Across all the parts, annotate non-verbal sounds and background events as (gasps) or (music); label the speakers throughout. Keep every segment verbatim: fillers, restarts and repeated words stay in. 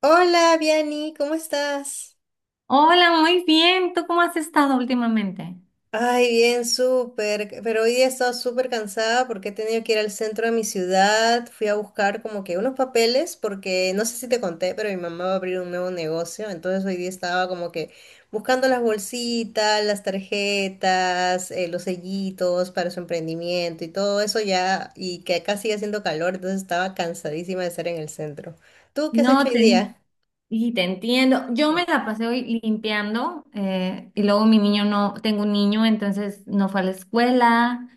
Speaker 1: Hola, Viani, ¿cómo estás?
Speaker 2: Hola, muy bien. ¿Tú cómo has estado últimamente?
Speaker 1: Ay, bien, súper. Pero hoy día he estado súper cansada porque he tenido que ir al centro de mi ciudad. Fui a buscar como que unos papeles porque no sé si te conté, pero mi mamá va a abrir un nuevo negocio. Entonces hoy día estaba como que buscando las bolsitas, las tarjetas, eh, los sellitos para su emprendimiento y todo eso ya. Y que acá sigue haciendo calor, entonces estaba cansadísima de estar en el centro. ¿Tú qué has
Speaker 2: No,
Speaker 1: hecho hoy
Speaker 2: te,
Speaker 1: día?
Speaker 2: en- y te entiendo. Yo me la pasé hoy limpiando eh, y luego mi niño no, tengo un niño, entonces no fue a la escuela,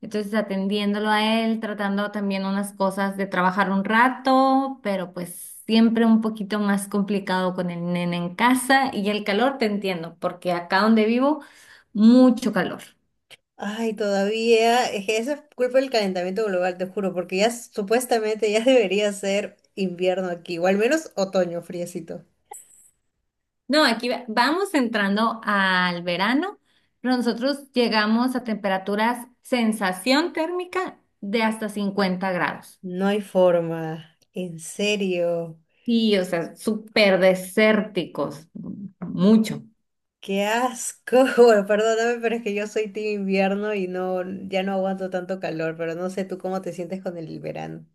Speaker 2: entonces atendiéndolo a él, tratando también unas cosas de trabajar un rato, pero pues siempre un poquito más complicado con el nene en casa y el calor, te entiendo, porque acá donde vivo, mucho calor.
Speaker 1: Ay, todavía, es que eso es culpa del calentamiento global, te juro, porque ya s- supuestamente ya (laughs) debería ser invierno aquí, o al menos otoño friecito.
Speaker 2: No, aquí va- vamos entrando al verano, pero nosotros llegamos a temperaturas sensación térmica de hasta cincuenta grados.
Speaker 1: No hay forma, en serio,
Speaker 2: Y, o sea, súper desérticos, mucho.
Speaker 1: qué asco. (laughs) Bueno, perdóname, pero es que yo soy team invierno y no, ya no aguanto tanto calor, pero no sé tú cómo te sientes con el verano.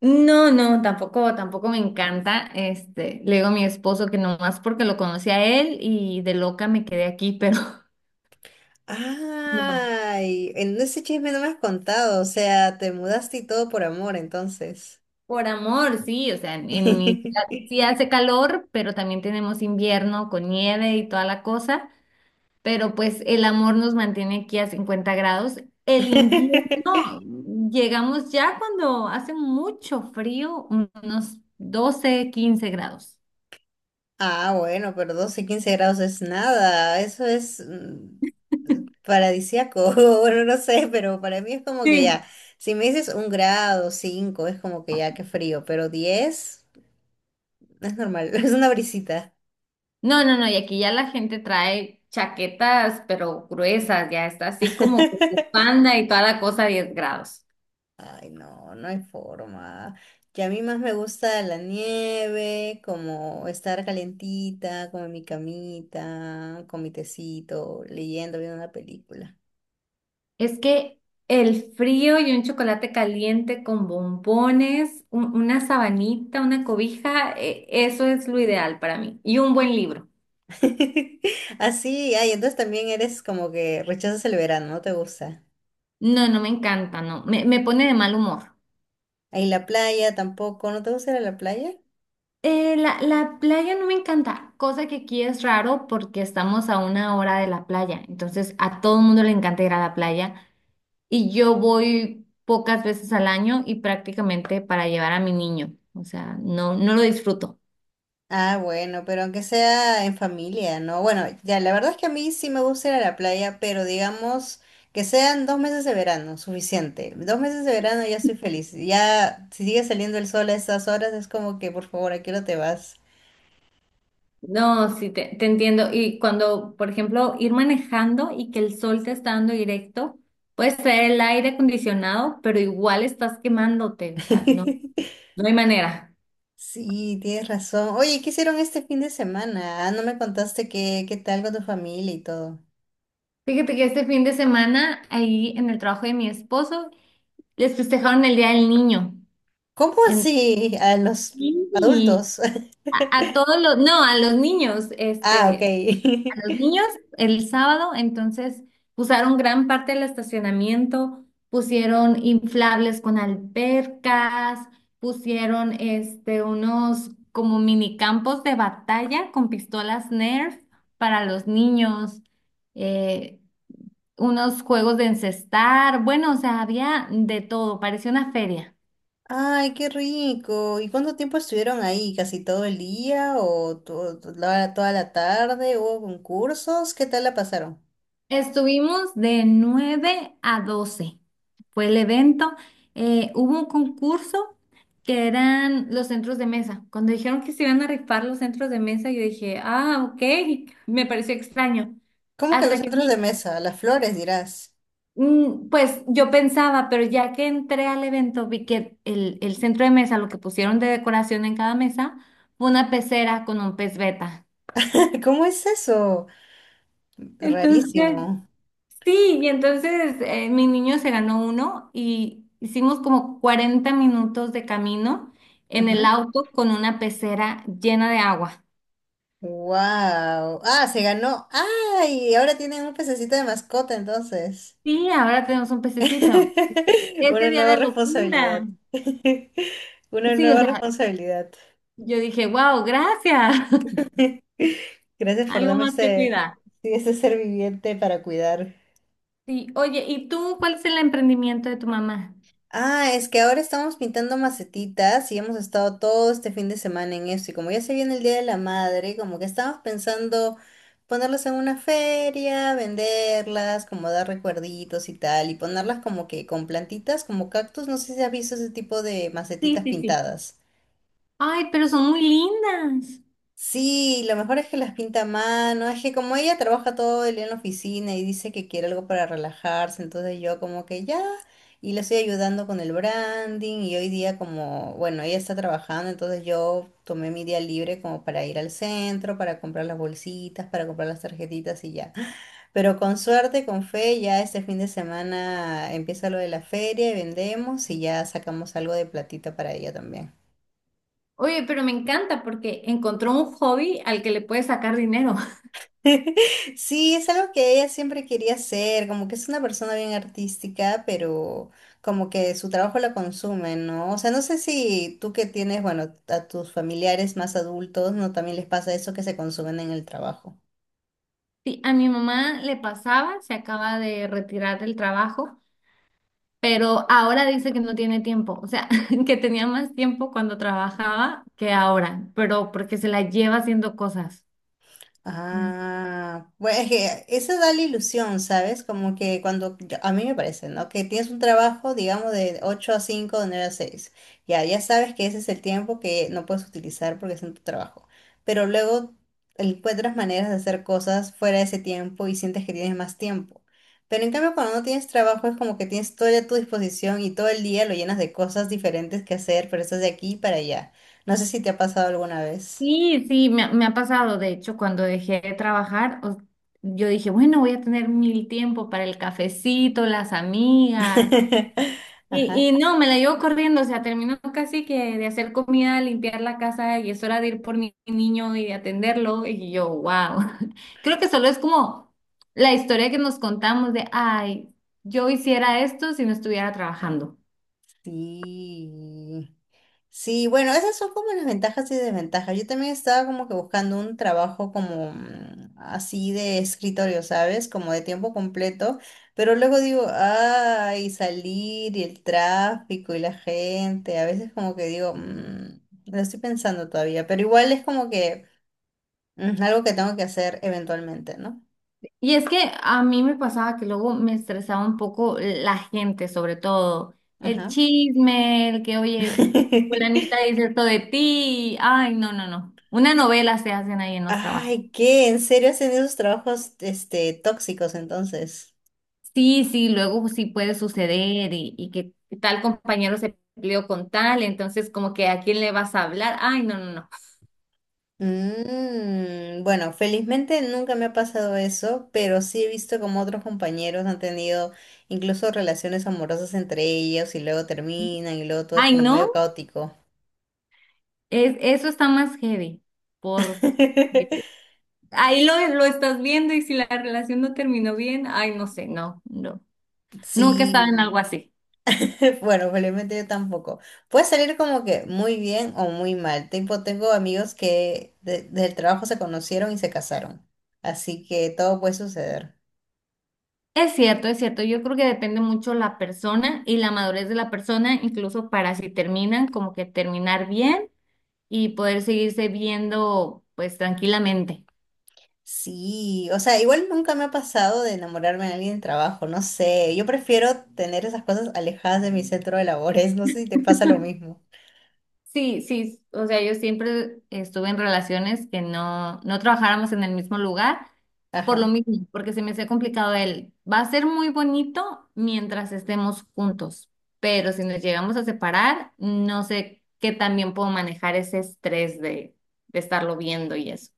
Speaker 2: No, no, tampoco, tampoco me encanta. Este, le digo a mi esposo que nomás porque lo conocí a él y de loca me quedé aquí, pero (laughs) no.
Speaker 1: Ay, en ese chisme no me has contado, o sea, te mudaste y todo por amor, entonces.
Speaker 2: Por amor, sí, o sea, en, en mi ciudad
Speaker 1: (laughs)
Speaker 2: sí hace calor, pero también tenemos invierno con nieve y toda la cosa. Pero pues el amor nos mantiene aquí a cincuenta grados. El invierno, llegamos ya cuando hace mucho frío, unos doce quince grados.
Speaker 1: Ah, bueno, pero doce quince grados es nada. Eso es mm, paradisíaco. (laughs) Bueno, no sé, pero para mí es como que
Speaker 2: Sí.
Speaker 1: ya. Si me dices un grado, cinco, es como que ya, qué frío. Pero diez es normal, (laughs) es una brisita.
Speaker 2: No, no, no, y aquí ya la gente trae chaquetas, pero gruesas, ya está así como con
Speaker 1: (laughs)
Speaker 2: bufanda y toda la cosa a diez grados.
Speaker 1: Ay, no, no hay forma. Que a mí más me gusta la nieve, como estar calentita, como en mi camita, con mi tecito, leyendo, viendo una película.
Speaker 2: Es que el frío y un chocolate caliente con bombones, un- una sabanita, una cobija, e- eso es lo ideal para mí. Y un buen libro.
Speaker 1: (laughs) Así, ay, entonces también eres como que rechazas el verano, no te gusta.
Speaker 2: No, no me encanta, no. Me, me pone de mal humor.
Speaker 1: Ahí la playa tampoco, ¿no te gusta ir a la playa?
Speaker 2: Eh, la, la playa no me encanta, cosa que aquí es raro porque estamos a una hora de la playa. Entonces, a todo el mundo le encanta ir a la playa y yo voy pocas veces al año y prácticamente para llevar a mi niño. O sea, no, no lo disfruto.
Speaker 1: Ah, bueno, pero aunque sea en familia, ¿no? Bueno, ya, la verdad es que a mí sí me gusta ir a la playa, pero digamos que sean dos meses de verano, suficiente. Dos meses de verano ya estoy feliz. Ya, si sigue saliendo el sol a estas horas, es como que, por favor, ¿a qué hora te vas?
Speaker 2: No, sí, te, te entiendo. Y cuando, por ejemplo, ir manejando y que el sol te está dando directo, puedes traer el aire acondicionado, pero igual estás quemándote. O sea, no,
Speaker 1: (laughs)
Speaker 2: no hay manera.
Speaker 1: Sí, tienes razón. Oye, ¿qué hicieron este fin de semana? Ah, no me contaste qué, qué tal con tu familia y todo.
Speaker 2: Fíjate que este fin de semana, ahí en el trabajo de mi esposo, les festejaron el Día del Niño.
Speaker 1: ¿Cómo
Speaker 2: En-
Speaker 1: así? A los
Speaker 2: y
Speaker 1: adultos. (laughs)
Speaker 2: a, a todos los, no, a los niños,
Speaker 1: Ah, ok.
Speaker 2: este, a los niños el sábado, entonces usaron gran parte del estacionamiento, pusieron inflables con albercas, pusieron este, unos como minicampos de batalla con pistolas Nerf para los niños. Eh, Unos juegos de encestar, bueno, o sea, había de todo, parecía una feria.
Speaker 1: (laughs) Ay, qué rico. ¿Y cuánto tiempo estuvieron ahí? ¿Casi todo el día o to- to- la- toda la tarde? ¿Hubo concursos? ¿Qué tal la pasaron?
Speaker 2: Estuvimos de nueve a doce fue el evento. Eh, hubo un concurso que eran los centros de mesa. Cuando dijeron que se iban a rifar los centros de mesa, yo dije, ah, ok, (laughs) me pareció extraño.
Speaker 1: ¿Cómo que los
Speaker 2: Hasta que
Speaker 1: centros
Speaker 2: vi,
Speaker 1: de mesa? Las flores, dirás.
Speaker 2: mm, pues yo pensaba, pero ya que entré al evento, vi que el, el centro de mesa, lo que pusieron de decoración en cada mesa, fue una pecera con un pez beta.
Speaker 1: (laughs) ¿Cómo es eso? Rarísimo.
Speaker 2: Entonces, sí, y entonces eh, mi niño se ganó uno y hicimos como cuarenta minutos de camino en el
Speaker 1: Ajá.
Speaker 2: auto con una pecera llena de agua.
Speaker 1: Wow. Ah, se ganó. Ay, ahora tienen un pececito de mascota entonces.
Speaker 2: Sí, ahora tenemos un pececito.
Speaker 1: (laughs)
Speaker 2: Ese
Speaker 1: Una
Speaker 2: día
Speaker 1: nueva
Speaker 2: de locura.
Speaker 1: responsabilidad. (laughs) Una
Speaker 2: Sí, o
Speaker 1: nueva
Speaker 2: sea,
Speaker 1: responsabilidad.
Speaker 2: yo dije, wow, gracias. (laughs)
Speaker 1: Gracias por
Speaker 2: Algo
Speaker 1: darme
Speaker 2: más que
Speaker 1: este,
Speaker 2: cuidar.
Speaker 1: sí, este ser viviente para cuidar.
Speaker 2: Sí, oye, ¿y tú cuál es el emprendimiento de tu mamá?
Speaker 1: Ah, es que ahora estamos pintando macetitas y hemos estado todo este fin de semana en eso. Y como ya se viene el Día de la Madre, como que estábamos pensando ponerlas en una feria, venderlas, como dar recuerditos y tal, y ponerlas como que con plantitas, como cactus. No sé si has visto ese tipo de
Speaker 2: Sí,
Speaker 1: macetitas
Speaker 2: sí, sí.
Speaker 1: pintadas.
Speaker 2: Ay, pero son muy lindas.
Speaker 1: Sí, lo mejor es que las pinta a mano, es que como ella trabaja todo el día en la oficina y dice que quiere algo para relajarse, entonces yo como que ya, y le estoy ayudando con el branding y hoy día como, bueno, ella está trabajando, entonces yo tomé mi día libre como para ir al centro, para comprar las bolsitas, para comprar las tarjetitas y ya. (gasps) Pero con suerte, con fe, ya este fin de semana empieza lo de la feria y vendemos y ya sacamos algo de platita para ella también.
Speaker 2: Oye, pero me encanta porque encontró un hobby al que le puede sacar dinero.
Speaker 1: (laughs) Sí, es algo que ella siempre quería hacer, como que es una persona bien artística, pero como que su trabajo la consume, ¿no? O sea, no sé si tú que tienes, bueno, a tus familiares más adultos, ¿no? También les pasa eso que se consumen en el trabajo.
Speaker 2: Sí, a mi mamá le pasaba, se acaba de retirar del trabajo, pero ahora dice que no tiene tiempo, o sea, (laughs) que tenía más tiempo cuando trabajaba que ahora, pero porque se la lleva haciendo cosas. Mm.
Speaker 1: Ah, bueno, es que eso da la ilusión, ¿sabes? Como que cuando, yo- a mí me parece, ¿no? Que tienes un trabajo, digamos, de ocho a cinco de nueve a seis. Ya, ya sabes que ese es el tiempo que no puedes utilizar porque es en tu trabajo. Pero luego encuentras maneras de hacer cosas fuera de ese tiempo y sientes que tienes más tiempo. Pero en cambio, cuando no tienes trabajo, es como que tienes todo a tu disposición y todo el día lo llenas de cosas diferentes que hacer, pero estás de aquí para allá. No sé si te ha pasado alguna vez.
Speaker 2: Sí, sí, me, ha me ha pasado, de hecho, cuando dejé de trabajar, o- yo dije, bueno, voy a tener mil tiempo para el cafecito, las amigas,
Speaker 1: (laughs) Ajá.
Speaker 2: Y, y no, me la llevo corriendo, o sea, termino casi que de hacer comida, limpiar la casa y es hora de ir por mi niño y de atenderlo. Y yo, wow. (laughs) Creo que solo es como la historia que nos contamos de, ay, yo hiciera esto si no estuviera trabajando.
Speaker 1: Sí, sí, bueno, esas son como las ventajas y desventajas. Yo también estaba como que buscando un trabajo como mm, así de escritorio, ¿sabes? Como de tiempo completo, pero luego digo, ay, salir y el tráfico y la gente, a veces como que digo, "Mm, lo estoy pensando todavía, pero igual es como que mm, algo que tengo que hacer eventualmente, ¿no?
Speaker 2: Y es que a mí me pasaba que luego me estresaba un poco la gente, sobre todo el
Speaker 1: Ajá.
Speaker 2: chisme, el que, oye, fulanita
Speaker 1: (laughs)
Speaker 2: dice esto de ti. Ay, no, no, no. Una novela se hacen ahí en los trabajos.
Speaker 1: Ay, ¿qué? ¿En serio hacen esos trabajos, este, tóxicos entonces?
Speaker 2: Sí, sí, luego sí puede suceder y, y que tal compañero se peleó con tal, entonces como que a quién le vas a hablar. Ay, no, no, no.
Speaker 1: Mm, bueno, felizmente nunca me ha pasado eso, pero sí he visto como otros compañeros han tenido incluso relaciones amorosas entre ellos y luego terminan y luego todo es
Speaker 2: Ay,
Speaker 1: como medio
Speaker 2: no,
Speaker 1: caótico.
Speaker 2: es, eso está más heavy, porque
Speaker 1: (laughs)
Speaker 2: ahí lo, lo estás viendo y si la relación no terminó bien, ay, no sé, no, no. Nunca estaba en
Speaker 1: Sí,
Speaker 2: algo así.
Speaker 1: (laughs) bueno, felizmente yo tampoco. Puede salir como que muy bien o muy mal. Tipo, tengo amigos que de- del trabajo se conocieron y se casaron, así que todo puede suceder.
Speaker 2: Es cierto, es cierto. Yo creo que depende mucho la persona y la madurez de la persona, incluso para si terminan, como que terminar bien y poder seguirse viendo pues tranquilamente.
Speaker 1: Sí, o sea, igual nunca me ha pasado de enamorarme de alguien en trabajo, no sé, yo prefiero tener esas cosas alejadas de mi centro de labores, (laughs) no sé si te pasa lo mismo.
Speaker 2: Sí, sí, o sea, yo siempre estuve en relaciones que no, no trabajáramos en el mismo lugar por lo
Speaker 1: Ajá,
Speaker 2: mismo, porque se me hacía complicado él. Va a ser muy bonito mientras estemos juntos, pero si nos llegamos a separar, no sé qué también puedo manejar ese estrés de, de estarlo viendo y eso.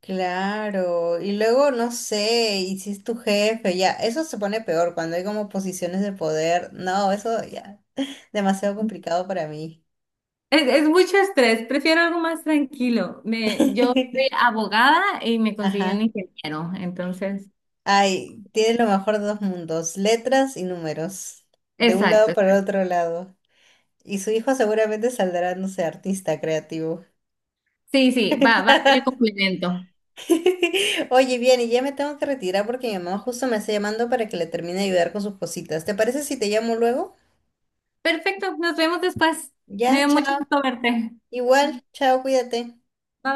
Speaker 1: claro, y luego no sé, y si es tu jefe, ya, eso se pone peor cuando hay como posiciones de poder, no, eso ya, demasiado complicado para mí.
Speaker 2: Es, es mucho estrés, prefiero algo más tranquilo. Me, yo soy
Speaker 1: (laughs)
Speaker 2: abogada y me conseguí un
Speaker 1: Ajá,
Speaker 2: ingeniero, entonces,
Speaker 1: ay, tienes lo mejor de dos mundos, letras y números, de un lado
Speaker 2: exacto.
Speaker 1: para el
Speaker 2: Exacto.
Speaker 1: otro lado. Y su hijo seguramente saldrá, no sé, artista creativo.
Speaker 2: Sí, sí, va, va a ser el
Speaker 1: (laughs)
Speaker 2: complemento.
Speaker 1: Oye, bien, y ya me tengo que retirar porque mi mamá justo me está llamando para que le termine de ayudar con sus cositas. ¿Te parece si te llamo luego?
Speaker 2: Perfecto, nos vemos después. Me
Speaker 1: Ya,
Speaker 2: dio mucho
Speaker 1: chao.
Speaker 2: gusto verte.
Speaker 1: Igual, chao, cuídate.
Speaker 2: Bye.